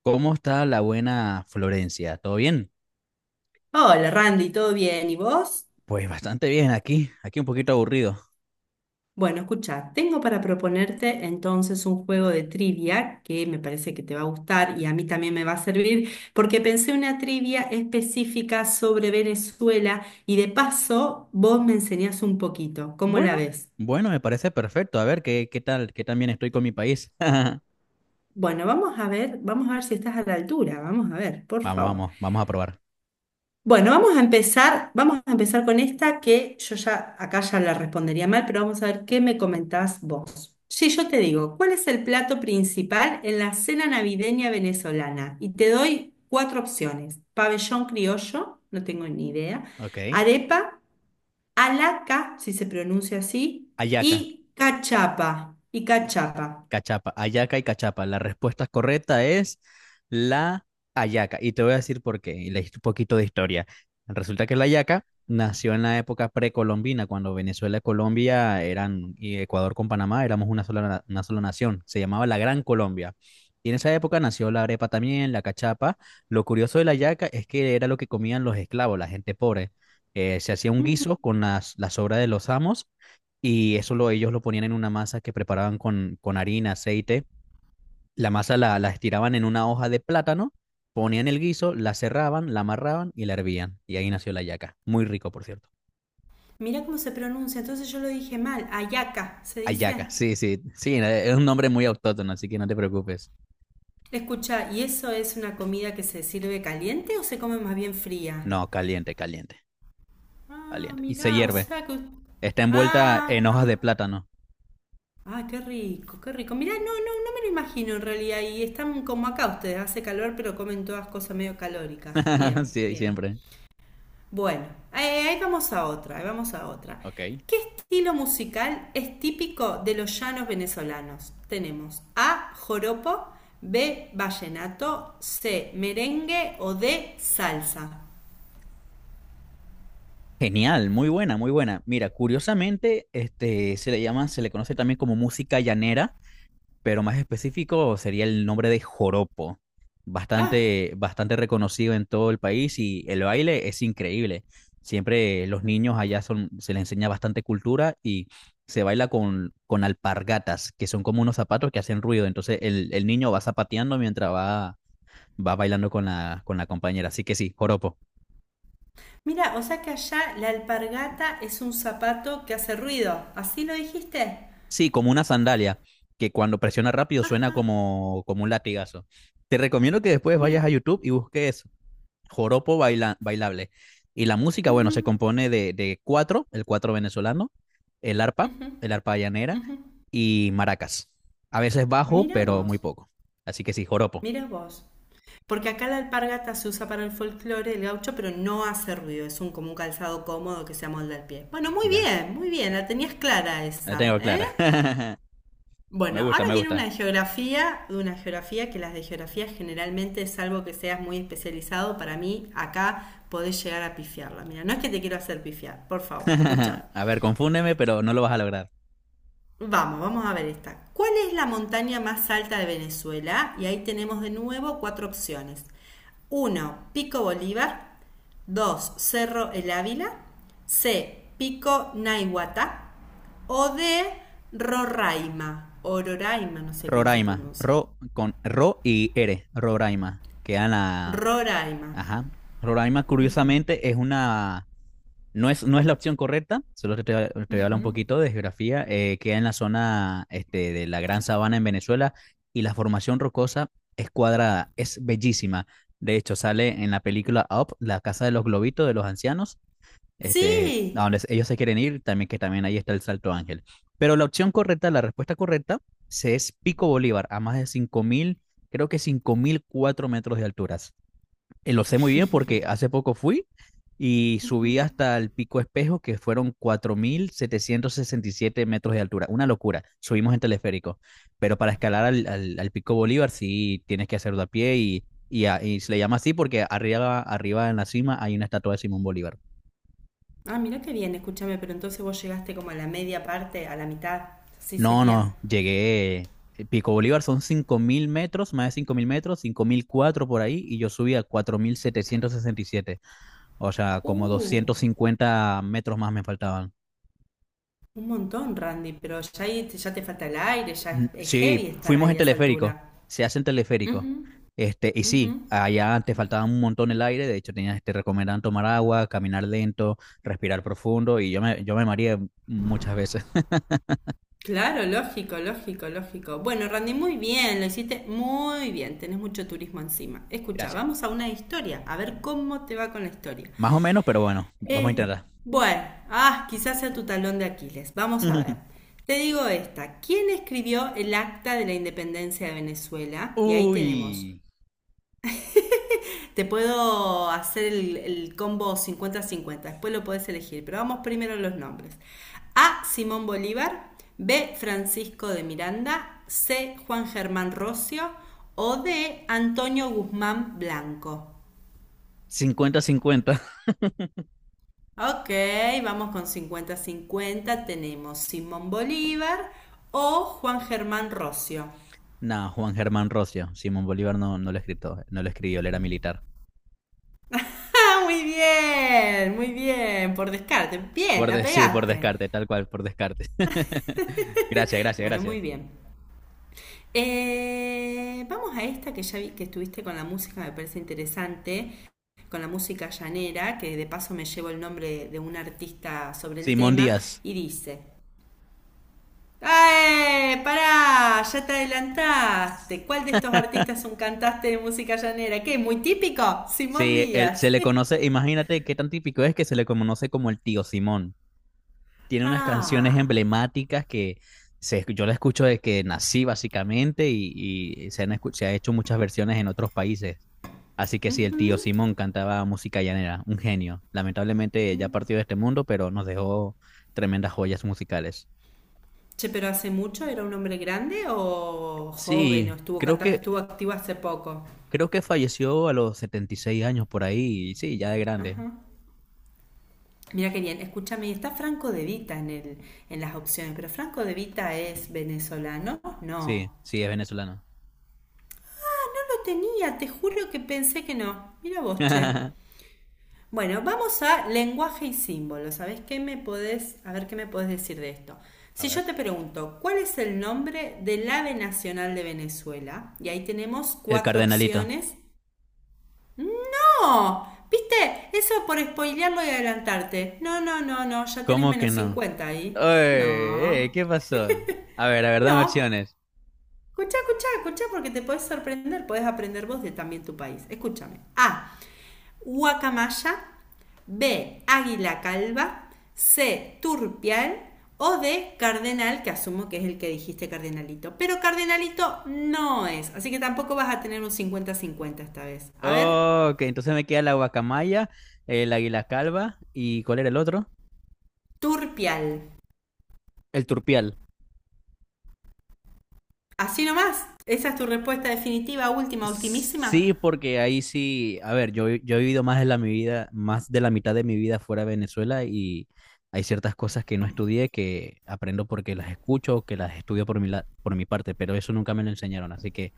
¿Cómo está la buena Florencia? ¿Todo bien? Hola Randy, ¿todo bien? ¿Y vos? Pues bastante bien aquí, un poquito aburrido. Bueno, escucha, tengo para proponerte entonces un juego de trivia que me parece que te va a gustar y a mí también me va a servir porque pensé una trivia específica sobre Venezuela y de paso vos me enseñás un poquito. ¿Cómo la Bueno, ves? bueno, me parece perfecto. A ver, ¿Qué tan bien estoy con mi país? Bueno, vamos a ver si estás a la altura, vamos a ver, por Vamos, favor. vamos, vamos a probar. Bueno, vamos a empezar con esta que yo ya acá ya la respondería mal, pero vamos a ver qué me comentás vos. Sí, yo te digo, ¿cuál es el plato principal en la cena navideña venezolana? Y te doy cuatro opciones: pabellón criollo, no tengo ni idea, Ok. arepa, alaca, si se pronuncia así, Ayaca. y cachapa, y cachapa. Cachapa, Ayaca y Cachapa. La respuesta correcta es la Ayaca. Y te voy a decir por qué. Y leíste un poquito de historia. Resulta que la Ayaca nació en la época precolombina, cuando Venezuela y Colombia eran, y Ecuador con Panamá éramos una sola, una sola nación. Se llamaba la Gran Colombia. Y en esa época nació la arepa también, la cachapa. Lo curioso de la yaca es que era lo que comían los esclavos, la gente pobre. Se hacía un guiso con las sobras de los amos, y ellos lo ponían en una masa que preparaban con harina, aceite. La masa la estiraban en una hoja de plátano, ponían el guiso, la cerraban, la amarraban y la hervían. Y ahí nació la hallaca. Muy rico, por cierto. Mirá cómo se pronuncia, entonces yo lo dije mal, ayaca, ¿se Hallaca, dice? sí, sí, sí, es un nombre muy autóctono, así que no te preocupes. Escucha, ¿y eso es una comida que se sirve caliente o se come más bien fría? No, caliente, caliente, Ah, caliente. Y se mirá, o hierve. sea que... Está envuelta Ah, en hojas de ah, plátano. ah, qué rico, qué rico. Mirá, no, no, no me lo imagino en realidad. Y están como acá ustedes, hace calor, pero comen todas cosas medio calóricas. Bien, Sí, bien. siempre. Bueno, ahí vamos a otra, ahí vamos a otra. Ok. ¿Qué estilo musical es típico de los llanos venezolanos? Tenemos A, joropo, B, vallenato, C, merengue o D, salsa. Genial, muy buena, muy buena. Mira, curiosamente, se le conoce también como música llanera, pero más específico sería el nombre de joropo, Ah, bastante, bastante reconocido en todo el país, y el baile es increíble. Siempre los niños allá se les enseña bastante cultura, y se baila con alpargatas, que son como unos zapatos que hacen ruido. Entonces el niño va zapateando mientras va bailando con la compañera. Así que sí, joropo. mira, o sea que allá la alpargata es un zapato que hace ruido. ¿Así lo dijiste? Sí, como una sandalia, que cuando presiona rápido suena como un latigazo. Te recomiendo que después vayas Mi- a YouTube y busques joropo bailable. Y la música, bueno, se ujú. compone de cuatro, el cuatro venezolano, el arpa, el arpa llanera y maracas. A veces bajo, Mira pero muy vos. poco. Así que sí, joropo, Mira vos. Porque acá la alpargata se usa para el folclore del gaucho, pero no hace ruido. Es un, como un calzado cómodo que se amolda al pie. Bueno, muy ya, bien, muy bien. La tenías clara la esa, tengo ¿eh? clara. Me Bueno, gusta, ahora me viene una gusta. de geografía, de una geografía que las de geografía generalmente, salvo que seas muy especializado, para mí acá podés llegar a pifiarla. Mira, no es que te quiero hacer pifiar, por favor, escucha. A ver, confúndeme, pero no lo vas a lograr. Vamos, vamos a ver esta. ¿Cuál es la montaña más alta de Venezuela? Y ahí tenemos de nuevo cuatro opciones. Uno, Pico Bolívar. 2, Cerro El Ávila. C. Pico Naiguatá. O D. Roraima. O Roraima, no sé cómo se Roraima, pronuncia. ro con ro y ere, Roraima, que Ana, Roraima. ajá. Roraima, curiosamente, es una No es, no es la opción correcta, solo te voy a hablar un poquito de geografía. Queda en la zona este, de la Gran Sabana en Venezuela, y la formación rocosa es cuadrada, es bellísima. De hecho, sale en la película Up, la casa de los globitos de los ancianos, a Sí. donde ellos se quieren ir, también que también ahí está el Salto Ángel. Pero la opción correcta, la respuesta correcta, se es Pico Bolívar, a más de 5000, creo que 5004 metros de alturas. Lo sé muy bien porque hace poco fui y subí hasta el Pico Espejo, que fueron 4767 metros de altura. Una locura. Subimos en teleférico. Pero para escalar al Pico Bolívar sí tienes que hacerlo a pie, y se le llama así porque arriba, arriba en la cima hay una estatua de Simón Bolívar. Ah, mira qué bien, escúchame, pero entonces vos llegaste como a la media parte, a la mitad. Sí No, sería. no, llegué. Pico Bolívar son 5000 metros, más de 5000 metros, 5004 por ahí, y yo subí a 4767, o sea, como Uh. 250 metros más me faltaban. Un montón, Randy, pero ya, ahí ya te falta el aire, ya es Sí, heavy estar fuimos en ahí a esa teleférico, altura. se hace en teleférico. Ujú, Y sí, ujú. allá antes faltaba un montón el aire, de hecho te recomendaban tomar agua, caminar lento, respirar profundo, y yo me mareé muchas veces. Claro, lógico, lógico, lógico. Bueno, Randy, muy bien, lo hiciste muy bien, tenés mucho turismo encima. Escucha, Gracias. vamos a una historia, a ver cómo te va con la historia. Más o menos, pero bueno, vamos a Eh, intentar. bueno, ah, quizás sea tu talón de Aquiles, vamos a ver. Te digo esta, ¿quién escribió el Acta de la Independencia de Venezuela? Y ahí tenemos. Uy, Te puedo hacer el combo 50-50. Después lo podés elegir, pero vamos primero a los nombres. A. Simón Bolívar, B. Francisco de Miranda, C. Juan Germán Rocio o D. Antonio Guzmán Blanco. 50-50. Ok, vamos con 50-50. Tenemos Simón Bolívar o Juan Germán Rocio. No, Juan Germán Rocio, Simón Bolívar no, no lo escribió, él era militar. ¡Ah, muy bien! Muy bien, por descarte. Bien, Por la de- sí, por pegaste. descarte, tal cual, por descarte. Gracias, gracias, Bueno, muy gracias. bien. Vamos a esta que ya vi que estuviste con la música, me parece interesante, con la música llanera, que de paso me llevo el nombre de un artista sobre el Simón tema, Díaz. y dice, ¡ay, ¡Pará! Ya te adelantaste. ¿Cuál de estos artistas es un cantante de música llanera? ¿Qué? ¿Muy típico? Simón Sí, se Díaz. le conoce, imagínate qué tan típico es que se le conoce como el tío Simón. Tiene unas canciones Ah. emblemáticas que yo la escucho desde que nací básicamente, y se ha hecho muchas versiones en otros países. Así que sí, el tío Simón cantaba música llanera, un genio. Lamentablemente ya partió de este mundo, pero nos dejó tremendas joyas musicales. Che, pero hace mucho, ¿era un hombre grande o joven o Sí, estuvo creo que, estuvo activo hace poco? creo que falleció a los 76 años por ahí, y sí, ya de grande. Mira qué bien, escúchame, está Franco De Vita en el, en las opciones, pero Franco De Vita es venezolano, no. Sí, sí, es venezolano. No lo tenía, te juro que pensé que no. Mira vos, che. Bueno, vamos a lenguaje y símbolos. ¿Sabés qué me podés, a ver qué me podés decir de esto? A Si ver. yo te pregunto, ¿cuál es el nombre del ave nacional de Venezuela? Y ahí tenemos El cuatro cardenalito. opciones. ¡No! ¿Viste? Eso por spoilearlo y adelantarte. No, no, no, no, ya tenés ¿Cómo que menos no? 50 ahí. Oye, No. ¿qué pasó? A ver, dame No, opciones. escucha, escucha, escucha, porque te puedes sorprender, puedes aprender vos de también tu país. Escúchame. A. Guacamaya. B. Águila calva. C. Turpial. O D. Cardenal, que asumo que es el que dijiste, Cardenalito. Pero Cardenalito no es. Así que tampoco vas a tener un 50-50 esta vez. A ver. Oh, ok, entonces me queda la guacamaya, el águila calva y ¿cuál era el otro? Turpial. El turpial. Así nomás. ¿Esa es tu respuesta definitiva, última, ultimísima? Sí, porque ahí sí, a ver, yo he vivido más de la, mi vida, más de la mitad de mi vida fuera de Venezuela, y hay ciertas cosas que no estudié que aprendo porque las escucho, o que las estudio por mi, por mi parte, pero eso nunca me lo enseñaron, así que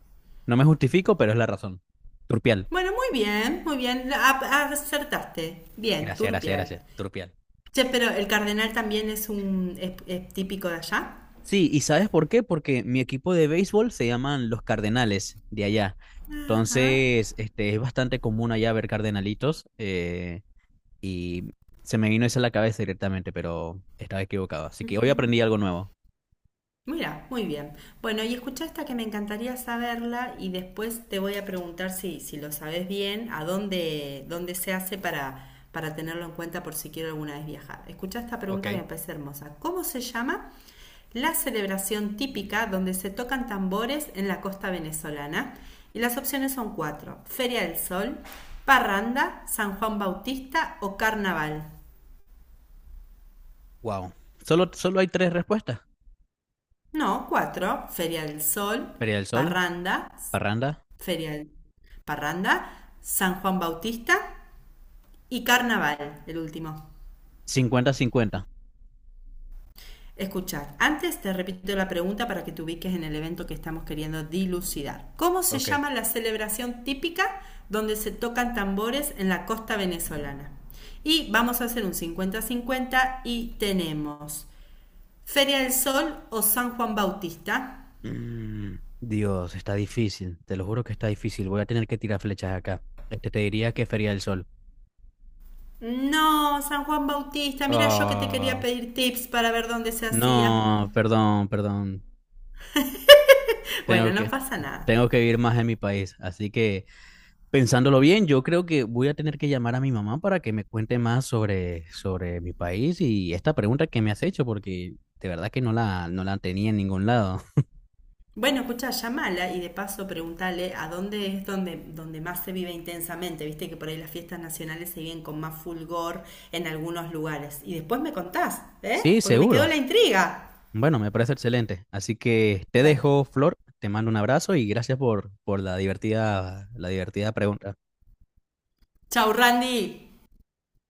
no me justifico, pero es la razón. Turpial. Bueno, muy bien, muy bien. Acertaste. Bien, Gracias, gracias, Turpial. gracias. Turpial. Che, pero el cardenal también es típico de allá. Sí, ¿y sabes por qué? Porque mi equipo de béisbol se llaman los Cardenales de allá. Ajá. Entonces, es bastante común allá ver cardenalitos, y se me vino eso a la cabeza directamente, pero estaba equivocado. Así que hoy aprendí algo nuevo. Mira, muy bien. Bueno, y escucha esta que me encantaría saberla y después te voy a preguntar si, si lo sabes bien, a dónde, dónde se hace para tenerlo en cuenta por si quiero alguna vez viajar. Escucha esta pregunta que Ok. me parece hermosa. ¿Cómo se llama la celebración típica donde se tocan tambores en la costa venezolana? Y las opciones son cuatro. Feria del Sol, Parranda, San Juan Bautista o Carnaval. Wow. Solo hay tres respuestas. No, cuatro. Feria del Sol, Feria del Sol, Parranda, Parranda, Feria del- Parranda, San Juan Bautista y Carnaval, el último. 50-50. Escuchar. Antes te repito la pregunta para que te ubiques en el evento que estamos queriendo dilucidar. ¿Cómo se Ok. llama la celebración típica donde se tocan tambores en la costa venezolana? Y vamos a hacer un 50-50 y tenemos Feria del Sol o San Juan Bautista. Mm, Dios, está difícil. Te lo juro que está difícil. Voy a tener que tirar flechas acá. Te diría que Feria del Sol. No, San Juan Bautista, mira yo que te quería Ah. pedir tips para ver dónde se hacía. No, perdón, perdón. Tengo Bueno, no que, pasa nada. tengo que vivir más en mi país. Así que, pensándolo bien, yo creo que voy a tener que llamar a mi mamá para que me cuente más sobre mi país y esta pregunta que me has hecho, porque de verdad que no la tenía en ningún lado. Bueno, escucha, llamala y de paso preguntale a dónde es donde, donde más se vive intensamente. Viste que por ahí las fiestas nacionales se viven con más fulgor en algunos lugares. Y después me contás, ¿eh? Sí, Porque me quedó seguro. la intriga. Bueno, me parece excelente. Así que te Dale. dejo, Flor, te mando un abrazo y gracias por la divertida pregunta. Chau, Randy.